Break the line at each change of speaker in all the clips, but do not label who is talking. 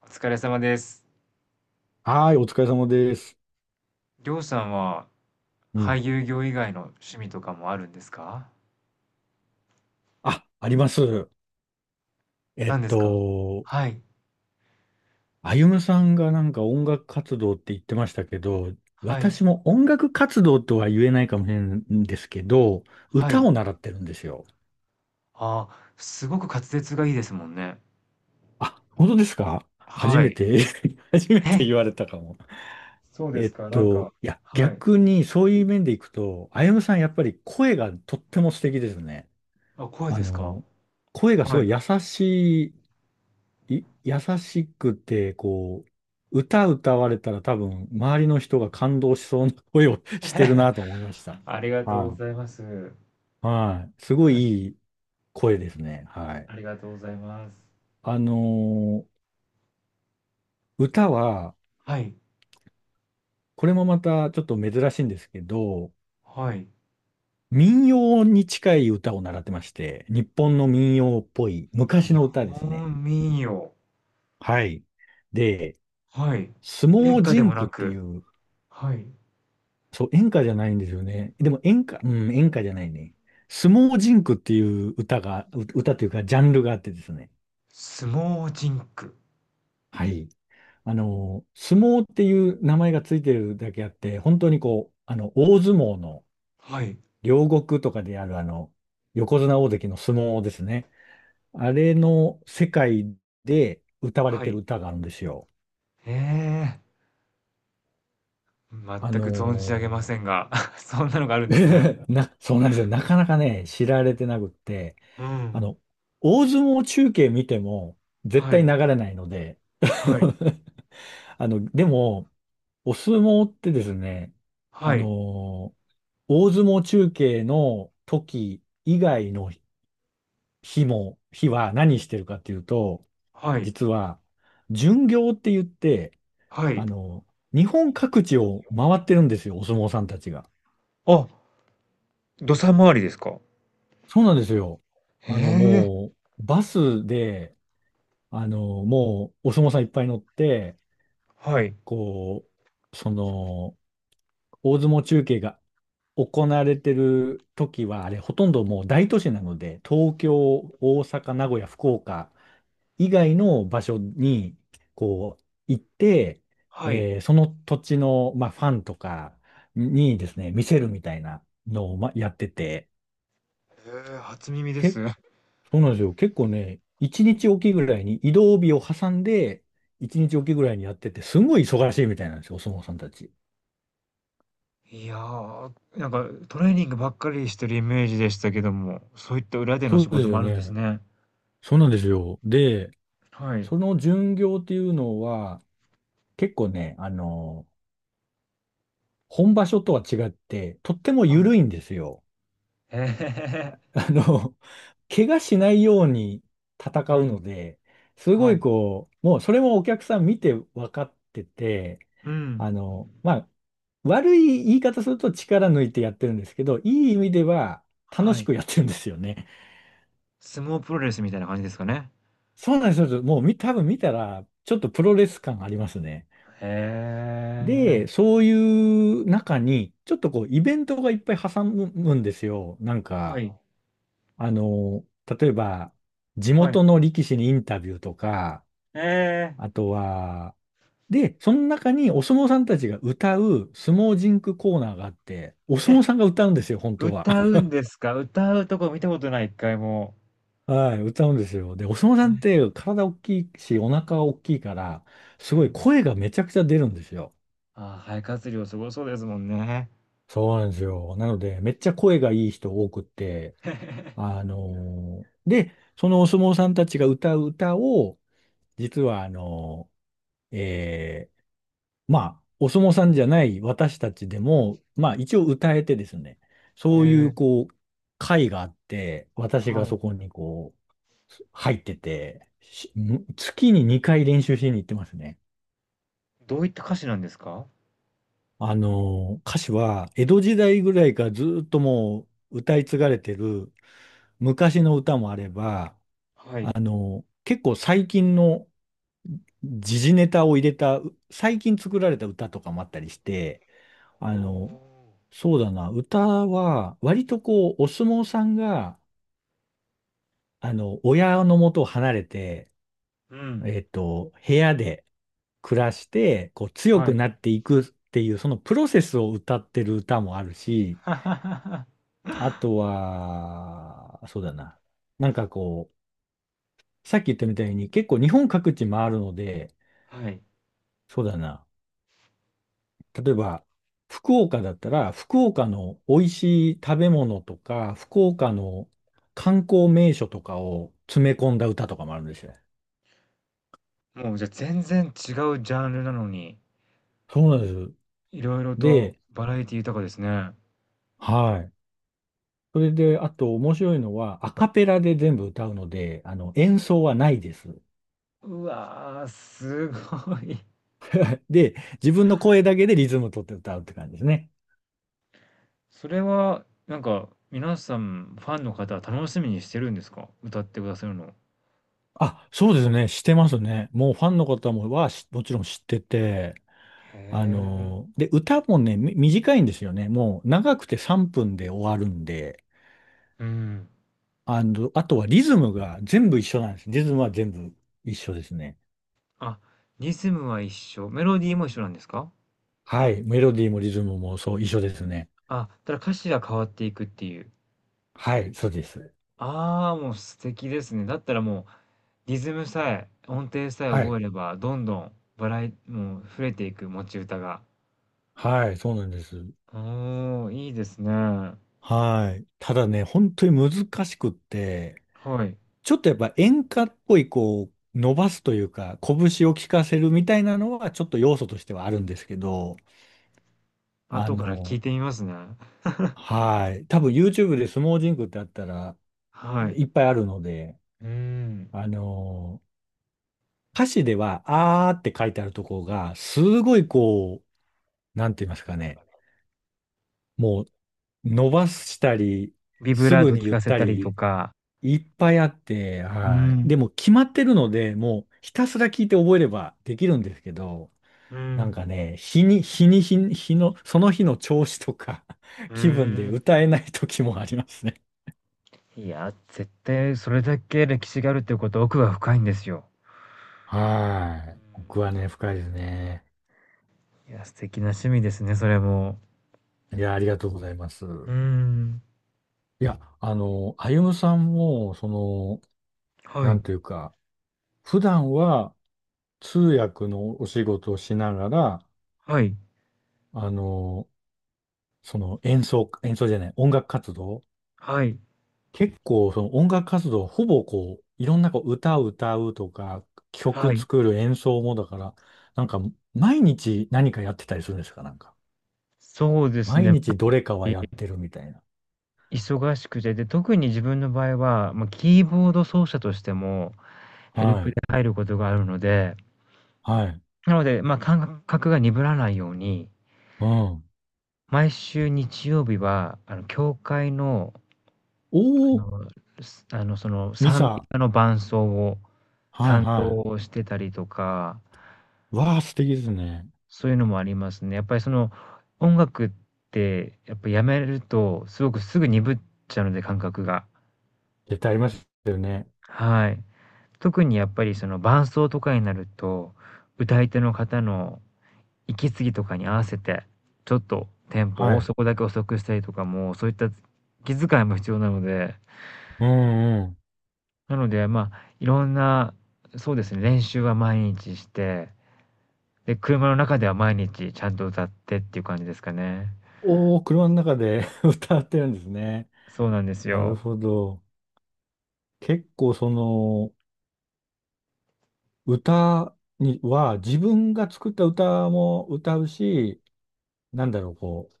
お疲れ様です。
はーい、お疲れ様です。
りょうさんは
う
俳
ん。
優業以外の趣味とかもあるんですか？
あ、あります。えっ
何ですか？
と、
はい。
あゆむさんがなんか音楽活動って言ってましたけど、
はい、
私も音楽活動とは言えないかもしれないんですけど、
は
歌
い。
を習ってるんですよ。
ああ、すごく滑舌がいいですもんね。
あ、本当ですか 初
は
め
い。
て 初め
え、
て言われたかも。
そうですか？なんか、
いや、
はい。
逆にそういう面でいくと、あゆむさんやっぱり声がとっても素敵ですね。
あ、声
あ
ですか？
の、声がす
は
ご
い。
い優しくて、こう、歌歌われたら多分、周りの人が感動しそうな声を してるなと思いました。
ありがとうご
はい。
ざいます。
はい。すご
はし、
いいい声ですね。はい。
ありがとうございます。
あのー歌は、
はい、
これもまたちょっと珍しいんですけど、
はい。
民謡に近い歌を習ってまして、日本の民謡っぽい昔
日
の歌ですね。
本民謡。
はい。で、
はい。
相
演
撲
歌で
甚
も
句っ
な
てい
く、
う
はい。
そう、演歌じゃないんですよね。でも演歌、うん、演歌じゃないね。相撲甚句っていう歌が、歌というかジャンルがあってですね。
相撲甚句。
はい。相撲っていう名前がついてるだけあって、本当にこう、大相撲の
はい、
両国とかであるあの、横綱大関の相撲ですね。あれの世界で歌われ
は
てる
い。
歌があるんですよ。
へえ、全
あ
く存じ上げ
の
ませんが、そんなのがあるんですね。
そうなんですよ。なかなかね、知られてなくって、
う
あ
ん。
の、大相撲中継見ても絶
は
対流
い、
れないので。
はい、
でも、お相撲ってですね、あ
はい、
のー大相撲中継の時以外の日も、日は何してるかっていうと、
はい、
実は、巡業って言って、
は
あ
い。
の日本各地を回ってるんですよ、お相撲さんたちが。
あ、土佐回りですか。
そうなんですよ。
へ
あの、
え、
もバスで、お相撲さんいっぱい乗って、
はい、
こう、その、大相撲中継が行われてる時は、あれ、ほとんどもう大都市なので、東京、大阪、名古屋、福岡以外の場所に、こう、行って、
はい。
その土地の、まあ、ファンとかにですね、見せるみたいなのを、まあ、やってて、
へえ、初耳です。
け、そうなんですよ。結構ね、一日おきぐらいに移動日を挟んで、一日おきぐらいにやってて、すごい忙しいみたいなんですよ、お相撲さんたち。
いやー、なんかトレーニングばっかりしてるイメージでしたけども、そういった裏での
そ
仕
うで
事
す
も
よ
あるんです
ね。
ね。
そうなんですよ。で、
はい、
その巡業っていうのは、結構ね、本場所とは違って、とっても
はい。
緩いんですよ。
へえ、
あの、怪我しないように戦
う
う
ん、
ので、すご
は
い
い、
こう、もうそれもお客さん見て分かってて、
うん、
あの、まあ、悪い言い方すると力抜いてやってるんですけど、いい意味では楽
は
し
い。
くやってるんですよね。
相撲プロレスみたいな感じですかね。
そうなんですよ。もうみ多分見たら、ちょっとプロレス感ありますね。
へえ、
で、そういう中に、ちょっとこう、イベントがいっぱい挟むんですよ。なん
は
か、
い。
あの、例えば、地
はい。
元の力士にインタビューとか、
ええ。
あとは、で、その中にお相撲さんたちが歌う相撲ジンクコーナーがあって、お相撲さんが歌うんですよ、本当は。
歌う んですか？歌うとこ見たことない、1回も。
はい、歌うんですよ。で、お相撲さんって体大きいし、お腹大きいから、
う
すごい
ん。
声がめちゃくちゃ出るんですよ。
ああ、肺活量すごそうですもんね。
そうなんですよ。なので、めっちゃ声がいい人多くって、で、そのお相撲さんたちが歌う歌を、実はあのーえーまあ、お相撲さんじゃない私たちでも、まあ一応歌えてですね、
へ
そういう
え、
こう、会があって、私が
はい。
そこにこう、入ってて、月に2回練習しに行ってますね。
どういった歌詞なんですか？
歌詞は、江戸時代ぐらいからずーっともう歌い継がれてる昔の歌もあれば、
はい。
結構最近の時事ネタを入れた、最近作られた歌とかもあったりして、
お
あの、
お。
そうだな、歌は、割とこう、お相撲さんが、親の元を離れて、
うん、
部屋で暮らして、こう、強
は
く
い。
なっていくっていう、そのプロセスを歌ってる歌もあるし、あとは、そうだな、なんかこう、さっき言ったみたいに、結構日本各地回るので、
はい。
そうだな、例えば、福岡だったら、福岡の美味しい食べ物とか、福岡の観光名所とかを詰め込んだ歌とかもあるんですよ。
もうじゃ、全然違うジャンルなのに、
そうなんです。
色々と
で、
バラエティ豊かですね。
はい。それで、あと面白いのは、アカペラで全部歌うので、演奏はないです。
うわー、すごい。
で、自分の声だけでリズム取って歌うって感じですね。
それは、なんか、皆さん、ファンの方は楽しみにしてるんですか？歌ってくださるのへ
あ、そうですね。してますね。もうファンの方ももちろん知ってて、
え、
で、歌もね、短いんですよね。もう長くて3分で終わるんで、
うん。
あとはリズムが全部一緒なんです。リズムは全部一緒ですね。
あ、リズムは一緒、メロディーも一緒なんですか？
はい。メロディーもリズムもそう、一緒ですね。
あ、ただ歌詞が変わっていくっていう。
はい、そうです。
ああ、もう素敵ですね。だったらもう、リズムさえ、音程さえ
は
覚
い。
えれば、どんどんバラエもう増えていく持ち歌が。
はい、そうなんです。
おお、いいですね。は
はい。ただね、本当に難しくって、
い。
ちょっとやっぱ演歌っぽい、こう、伸ばすというか、拳を効かせるみたいなのは、ちょっと要素としてはあるんですけど、あ
後から聞
の、
いてみますね。
はい。多分 YouTube で相撲ジンクってあったら
はい。
いっぱいあるので、
うーん。
あのー歌詞では、あーって書いてあるところが、すごいこう、なんて言いますかね。もう、伸ばしたり、
ビブ
す
ラー
ぐ
ト
に
聞
言っ
かせ
た
たりと
り、
か。
いっぱいあって、
う
はい。
ん。
でも、決まってるので、もう、ひたすら聞いて覚えればできるんですけど、
う
なん
ん。
かね、日の、その日の調子とか、
う
気分で
ーん。
歌えない時もありますね。
いや、絶対それだけ歴史があるっていうことは奥が深いんですよ。う
はい。僕は
ー
ね、深いですね。
ん。いや、素敵な趣味ですね、それも。
いや、ありがとうございます。
うーん。
いや、歩夢さんも、その、
は
なん
い、
ていうか、普段は通訳のお仕事をしながら、
はい、
あの、演奏じゃない、音楽活動、
はい、
結構その音楽活動、ほぼこう、いろんなこう歌を歌うとか、
は
曲
い。
作る演奏もだから、なんか、毎日何かやってたりするんですか、なんか。
そうです
毎
ね。
日どれかはやってるみたいな。
忙しくて、で、特に自分の場合は、ま、キーボード奏者としても、ヘル
は
プで
い。
入ることがあるので、
はい。
なので、ま、感覚が鈍らないように、
うん。
毎週日曜日は、あの、教会の
お
あ
お、
の、すあの、その、
ミ
賛美
サ。
歌の伴奏を
はい
担
は
当してたりとか、
い。わあ、素敵ですね。
そういうのもありますね。やっぱりその、音楽ってやっぱやめると、すごくすぐ鈍っちゃうので、感覚が。
絶対ありますよね。
はい。特にやっぱりその伴奏とかになると、歌い手の方の息継ぎとかに合わせて、ちょっとテン
は
ポを
い。
そこだけ遅くしたりとかも、そういった気遣いも必要なので、
うんうん。
なので、まあ、いろんな、そうですね、練習は毎日してで、車の中では毎日ちゃんと歌ってっていう感じですかね。
おお、車の中で 歌ってるんですね。
そうなんです
なる
よ。
ほど。結構その、歌には自分が作った歌も歌うし、なんだろう、こう、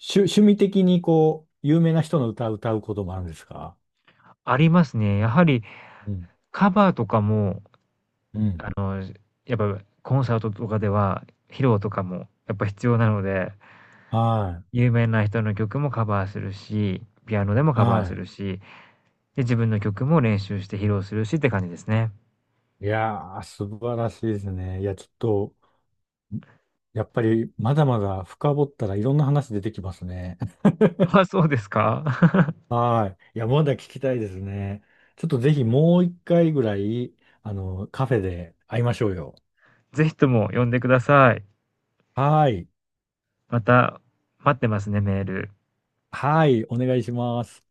趣味的にこう、有名な人の歌を歌うこともあるんですか？
ありますね。やはり
うん。
カバーとかも、
うん。
あの、やっぱコンサートとかでは、披露とかもやっぱ必要なので、
はい。
有名な人の曲もカバーするし、ピアノでもカバーす
は
るし、で、自分の曲も練習して披露するしって感じですね。
い。いやー、素晴らしいですね。いや、ちょっと、やっぱりまだまだ深掘ったらいろんな話出てきますね。
あ、そうですか。
はい。いや、まだ聞きたいですね。ちょっとぜひもう一回ぐらい、カフェで会いましょうよ。
ぜひとも呼んでください。
はい。
また待ってますね、メール。
はい。お願いします。